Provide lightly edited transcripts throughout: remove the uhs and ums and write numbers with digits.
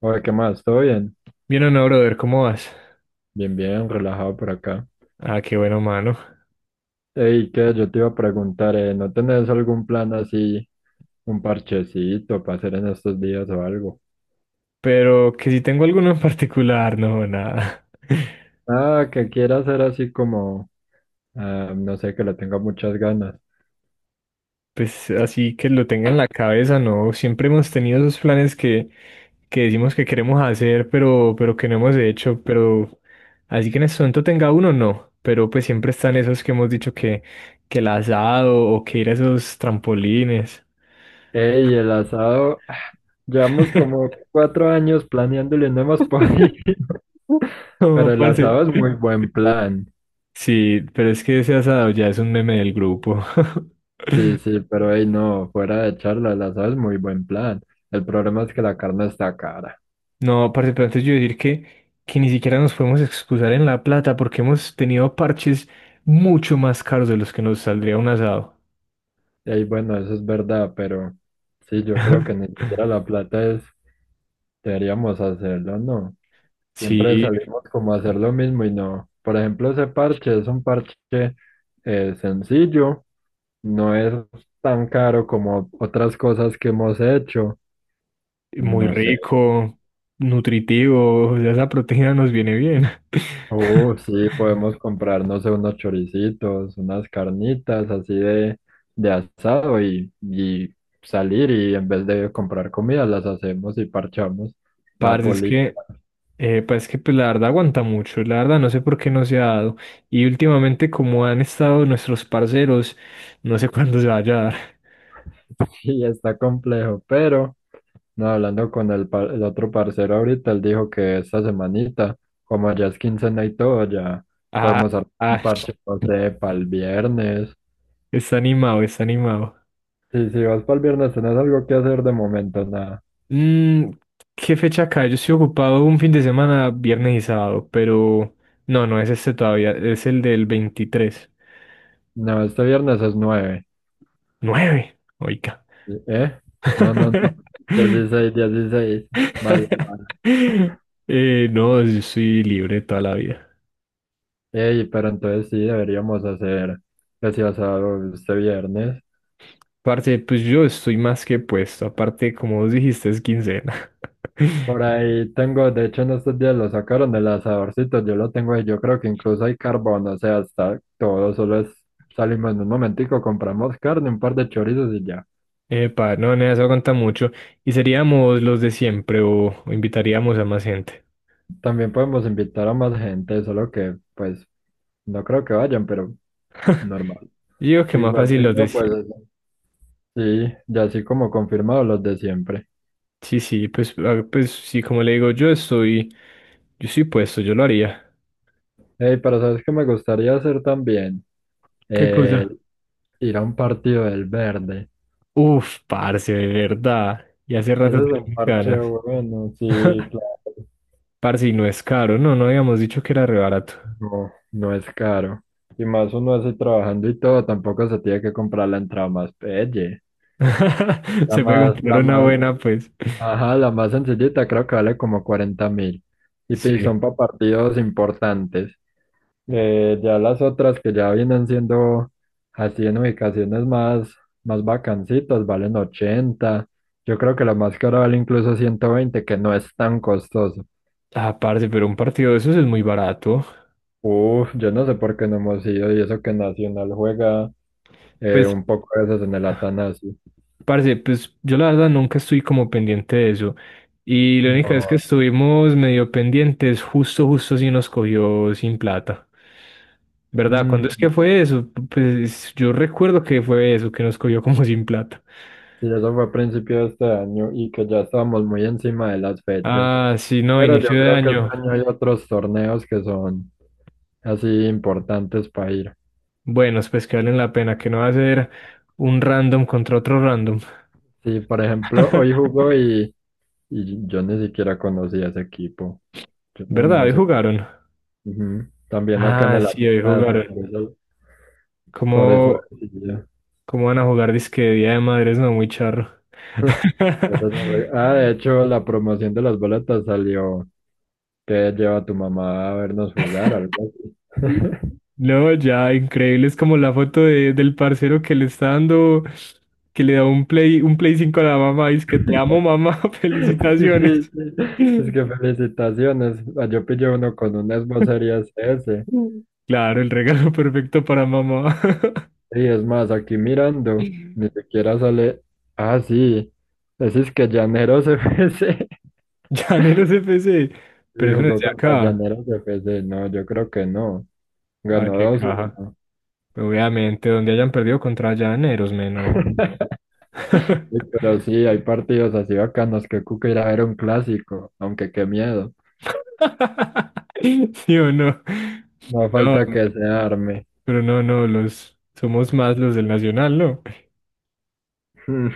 Oye, ¿qué más? ¿Todo bien? Bien o no, brother, ¿cómo vas? Bien, bien, relajado por acá. Ah, qué bueno, mano. Ey, ¿qué? Yo te iba a preguntar, ¿no tenés algún plan así, un parchecito para hacer en estos días o algo? Pero que si tengo alguno en particular, no, nada. Ah, que quiera hacer así como, no sé, que le tenga muchas ganas. Pues así que lo tenga en la cabeza, no. Siempre hemos tenido esos planes que decimos que queremos hacer, pero que no hemos hecho. Pero así que en este momento tenga uno, no. Pero pues siempre están esos que hemos dicho que el asado o que ir a esos trampolines. Ey, el asado, llevamos como 4 años planeándolo y no hemos podido. No, Pero el parce. asado es muy buen plan. Sí, pero es que ese asado ya es un meme del grupo. Sí, sí, pero ey, no, fuera de charla, el asado es muy buen plan. El problema es que la carne está cara. No, parce, pero antes yo decir que ni siquiera nos podemos excusar en la plata porque hemos tenido parches mucho más caros de los que nos saldría un asado. Ey, bueno, eso es verdad, pero sí, yo creo que ni siquiera la plata es, deberíamos hacerlo, ¿no? Siempre Sí, salimos como a hacer lo mismo y no. Por ejemplo, ese parche es un parche sencillo, no es tan caro como otras cosas que hemos hecho. muy No sé. rico, nutritivo, ya esa proteína nos viene bien. Sí, podemos comprar, no sé, unos choricitos, unas carnitas así de asado y salir y, en vez de comprar comida, las hacemos y parchamos. Parce, es Napoli. que, pues es que pues, la verdad aguanta mucho, la verdad no sé por qué no se ha dado. Y últimamente como han estado nuestros parceros, no sé cuándo se vaya a dar. Sí, está complejo, pero no, hablando con el, el otro parcero ahorita, él dijo que esta semanita, como ya es quincena y todo, ya Ah, podemos hacer un ah. parche, no sé, para el viernes. Está animado, está animado. Sí, si vas para el viernes, tenés algo que hacer de momento, nada. Mm, ¿Qué fecha cae? Yo estoy ocupado un fin de semana, viernes y sábado, pero no, no es este todavía, es el del 23. No, este viernes es nueve. ¡Nueve! Oiga. ¿Eh? No, no, no. 16, 16. Mala, mala. No, yo soy libre toda la vida. Ey, pero entonces sí deberíamos hacer ese asado este viernes. Aparte, pues yo estoy más que puesto. Aparte, como vos dijiste, es quincena. Por ahí tengo, de hecho en estos días lo sacaron del asadorcito, yo lo tengo ahí, yo creo que incluso hay carbón. O sea, está todo, solo es, salimos en un momentico, compramos carne, un par de chorizos y ya. Epa, no, nada, eso aguanta mucho. ¿Y seríamos los de siempre o, invitaríamos a más gente? También podemos invitar a más gente, solo que pues no creo que vayan, pero normal. Yo digo que más Igual fácil si los de no, pues siempre. sí, ya así como confirmado los de siempre. Sí, sí, pues, ah, pues sí, como le digo, yo estoy puesto, yo lo haría. Hey, pero sabes que me gustaría hacer también, ¿Qué Eh, cosa? ir a un partido del Verde. Uf, parce, de verdad. Y hace Ese rato es un tenía parche ganas. bueno, sí, claro. Parce, y no es caro, no, no habíamos dicho que era re barato. No, no es caro. Y más uno así trabajando y todo, tampoco se tiene que comprar la entrada más pelle. La Se puede más, comprar la una más, buena, pues. ajá, la más sencillita creo que vale como 40.000. Y Sí. son para partidos importantes. Ya las otras que ya vienen siendo así en ubicaciones más bacancitas, valen 80. Yo creo que la más cara vale incluso 120, que no es tan costoso. Ah, parce, pero un partido de esos es muy barato. Uf, yo no sé por qué no hemos ido, y eso que Nacional juega Pues un poco de veces en el Atanasio. parce, pues yo la verdad nunca estoy como pendiente de eso. Y la única vez que No. estuvimos medio pendientes, justo, justo si nos cogió sin plata. ¿Verdad? ¿Cuándo es que Mm, fue eso? Pues yo recuerdo que fue eso, que nos cogió como sin plata. sí, eso fue a principio de este año, y que ya estábamos muy encima de las fechas. Ah, sí, no, Pero yo inicio de creo que este año. año hay otros torneos que son así importantes para ir. Buenos, pues que valen la pena, que no va a ser un random contra otro random. Sí, por ejemplo, hoy jugó, y yo ni siquiera conocía ese equipo. Yo no, ¿Verdad? no Hoy sé. jugaron. Ujú. También acá en Ah, el sí, hoy Atanasio, jugaron. por eso, Como, por eso decidí. ¿Cómo van a jugar disque de Día de Madres? No, muy charro. Eso no Ah, de hecho, la promoción de las boletas salió que lleva a tu mamá a vernos jugar, algo así. No, ya, increíble. Es como la foto del parcero que le está dando, que le da un play, 5 a la mamá. Y es que te amo, mamá. Sí, sí, Felicitaciones. sí. Es que felicitaciones. Ah, yo pillé uno con un Xbox Series S. Claro, el regalo perfecto para mamá. Y es más, aquí mirando, ni siquiera sale. Ah, sí. Ese es que Llaneros FC. Llaneros FC. Y Pero eso no es jugó de contra acá. Llaneros de FC. No, yo creo que no. Ah, Ganó qué dos caja. uno, Obviamente, donde hayan perdido contra Llaneros, me enojo. Sí, pero sí, hay partidos así bacanos. Que Cuca irá a ver un clásico, aunque qué miedo. ¿Sí o no? No No, falta que se arme. pero no, no, los somos más los del Nacional, ¿no? Mm,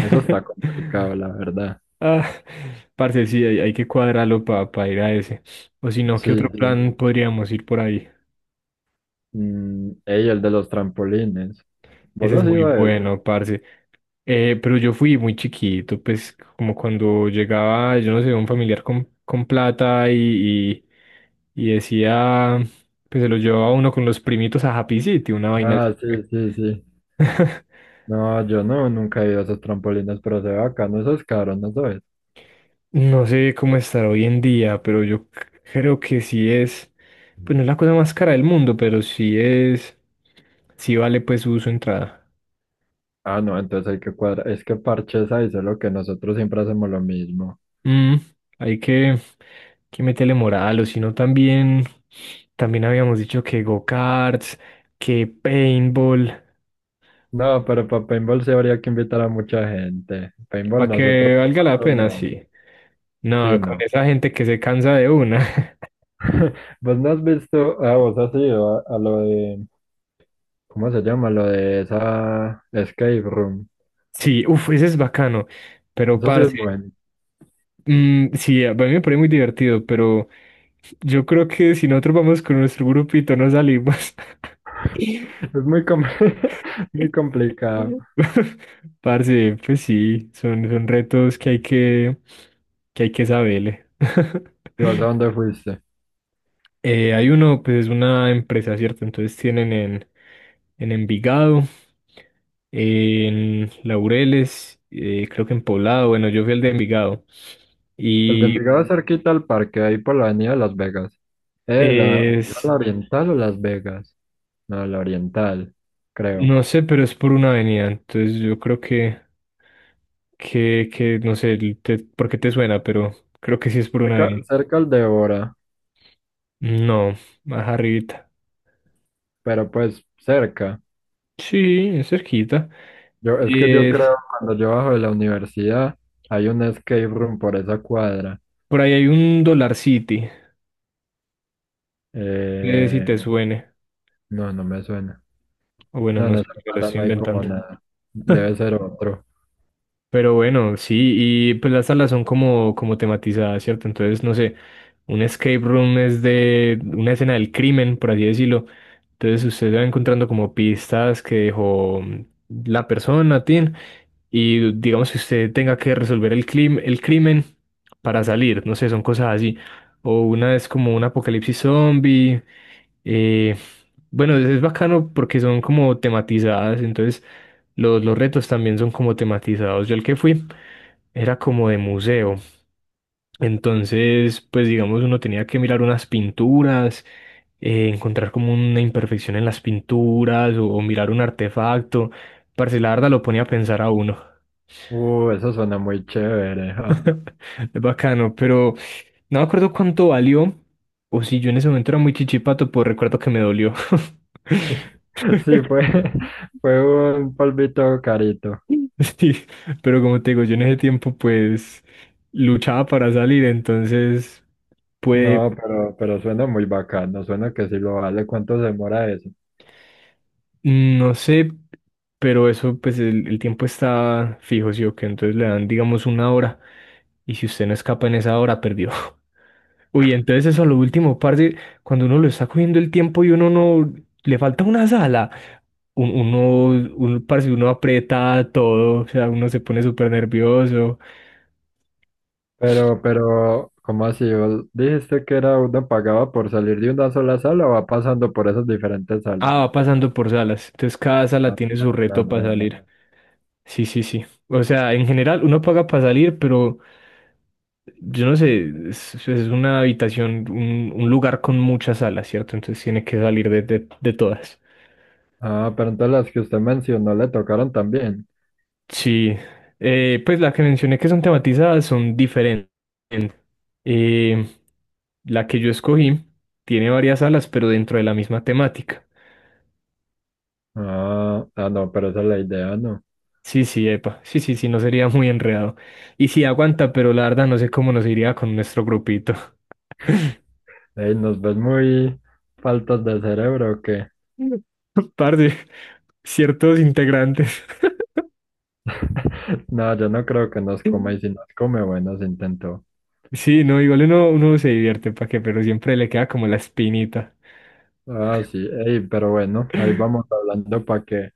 Eso está complicado, la verdad. Ah, parce, sí, hay que cuadrarlo para ir a ese. O si no, ¿qué otro Sí, sí. plan podríamos ir por ahí? Ey, el de los trampolines. ¿Vos Ese es has muy ido a eso? bueno, parce. Pero yo fui muy chiquito, pues como cuando llegaba, yo no sé, un familiar con plata y, y decía, pues se lo llevaba uno con los primitos a Happy City, una vaina Ah, así. sí, sí, sí. No, yo no, nunca he ido a esos trampolines, pero se ve bacano. Eso es caro, ¿no sabes? No sé cómo estará hoy en día, pero yo creo que sí es, pues no es la cosa más cara del mundo, pero sí es, sí vale pues su, entrada. Ah, no, entonces hay que cuadrar. Es que parches ahí, solo que nosotros siempre hacemos lo mismo. Mm, Hay que meterle moral, o si no también habíamos dicho que go-karts, que paintball, No, pero para paintball sí habría que invitar a mucha gente. Paintball para nosotros que valga la cuatro pena, no. sí. Sí, No, con no. esa gente que se cansa de una. ¿Vos no has visto, vos has ido a lo de, ¿cómo se llama? Lo de esa escape room. Sí, uff, ese es bacano, pero Eso sí es parce, bueno. Sí, a mí me parece muy divertido, pero. Yo creo que si nosotros vamos con nuestro grupito no salimos. Es muy, muy complicado. Parce, pues sí, son retos que hay que hay que saberle. ¿Y vos a dónde fuiste? Hay uno, pues es una empresa, ¿cierto? Entonces tienen en Envigado, en Laureles, creo que en Poblado, bueno, yo fui el de Envigado. El de Y Envigado es cerquita al parque, ahí por la avenida de Las Vegas. Eh, la, es, la oriental o Las Vegas? No, la oriental, creo. No sé, pero es por una avenida, entonces yo creo que no sé por qué te suena, pero creo que sí es por una Cerca, avenida. cerca al de Bora, No, más arribita. pero pues cerca. Sí, es cerquita. Yo, es que yo Eh, creo, cuando yo bajo de la universidad, hay un escape room por esa cuadra. por ahí hay un Dollar City, no sé si Eh, te suene, no, no me suena. o bueno, No, en no sé, esa me lo cuadra no estoy hay como inventando. nada. Debe ser otro. Pero bueno, sí, y pues las salas son como tematizadas, ¿cierto? Entonces, no sé, un escape room es de una escena del crimen, por así decirlo. Entonces usted va encontrando como pistas que dejó la persona, Tin, y digamos que usted tenga que resolver el crimen para salir, no sé, son cosas así. O una es como un apocalipsis zombie. eh, bueno, es bacano porque son como tematizadas, entonces los retos también son como tematizados. Yo el que fui era como de museo. Entonces, pues digamos, uno tenía que mirar unas pinturas, encontrar como una imperfección en las pinturas o mirar un artefacto. Parce, la verdad lo ponía a pensar a uno. Eso suena muy chévere. Ja. Es bacano, pero no me acuerdo cuánto valió o si yo en ese momento era muy chichipato, pues recuerdo que me dolió. Sí, fue, fue un polvito carito. Sí, pero como te digo, yo en ese tiempo pues luchaba para salir, entonces pude. No, pero suena muy bacano. Suena que sí lo vale. ¿Cuánto se demora eso? No sé, pero eso, pues el, tiempo está fijo, sí o qué, entonces le dan, digamos, una hora, y si usted no escapa en esa hora, perdió. Uy, entonces eso a lo último, parce, cuando uno lo está cogiendo el tiempo y uno no, le falta una sala, parce, uno aprieta todo, o sea, uno se pone súper nervioso. Pero, ¿cómo así? ¿Vos dijiste que era uno pagaba por salir de una sola sala, o va pasando por esas diferentes salas? Ah, va pasando por salas, entonces cada sala Ah, tiene su ya, reto para ya, ya. salir. Sí, sí, sí. O sea, en general uno paga para salir, pero yo no sé, es, una habitación, un lugar con muchas salas, ¿cierto? Entonces tiene que salir de todas. Ah, pero entonces las que usted mencionó le tocaron también. Sí, pues las que mencioné que son tematizadas son diferentes. Eh, la que yo escogí tiene varias salas, pero dentro de la misma temática. Ah, ah, no, pero esa es la idea, ¿no? Sí, sí, epa, sí, sí, sí, no sería muy enredado. Y sí, aguanta, pero la verdad no sé cómo nos iría con nuestro grupito. Ey, nos ves muy faltas de cerebro, ¿o qué? Par de ciertos integrantes. No, yo no creo que nos coma, y si nos come, bueno, se intentó. Sí, no, igual uno, se divierte, ¿para qué? Pero siempre le queda como la espinita. Ah, sí, ey, pero bueno, ahí vamos hablando para que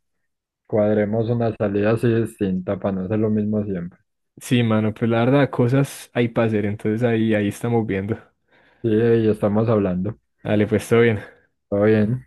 cuadremos una salida así distinta, para no hacer lo mismo siempre. Sí, mano, pues la verdad, cosas hay para hacer, entonces ahí estamos viendo. Sí, ey, estamos hablando. Dale, pues todo bien. Todo bien.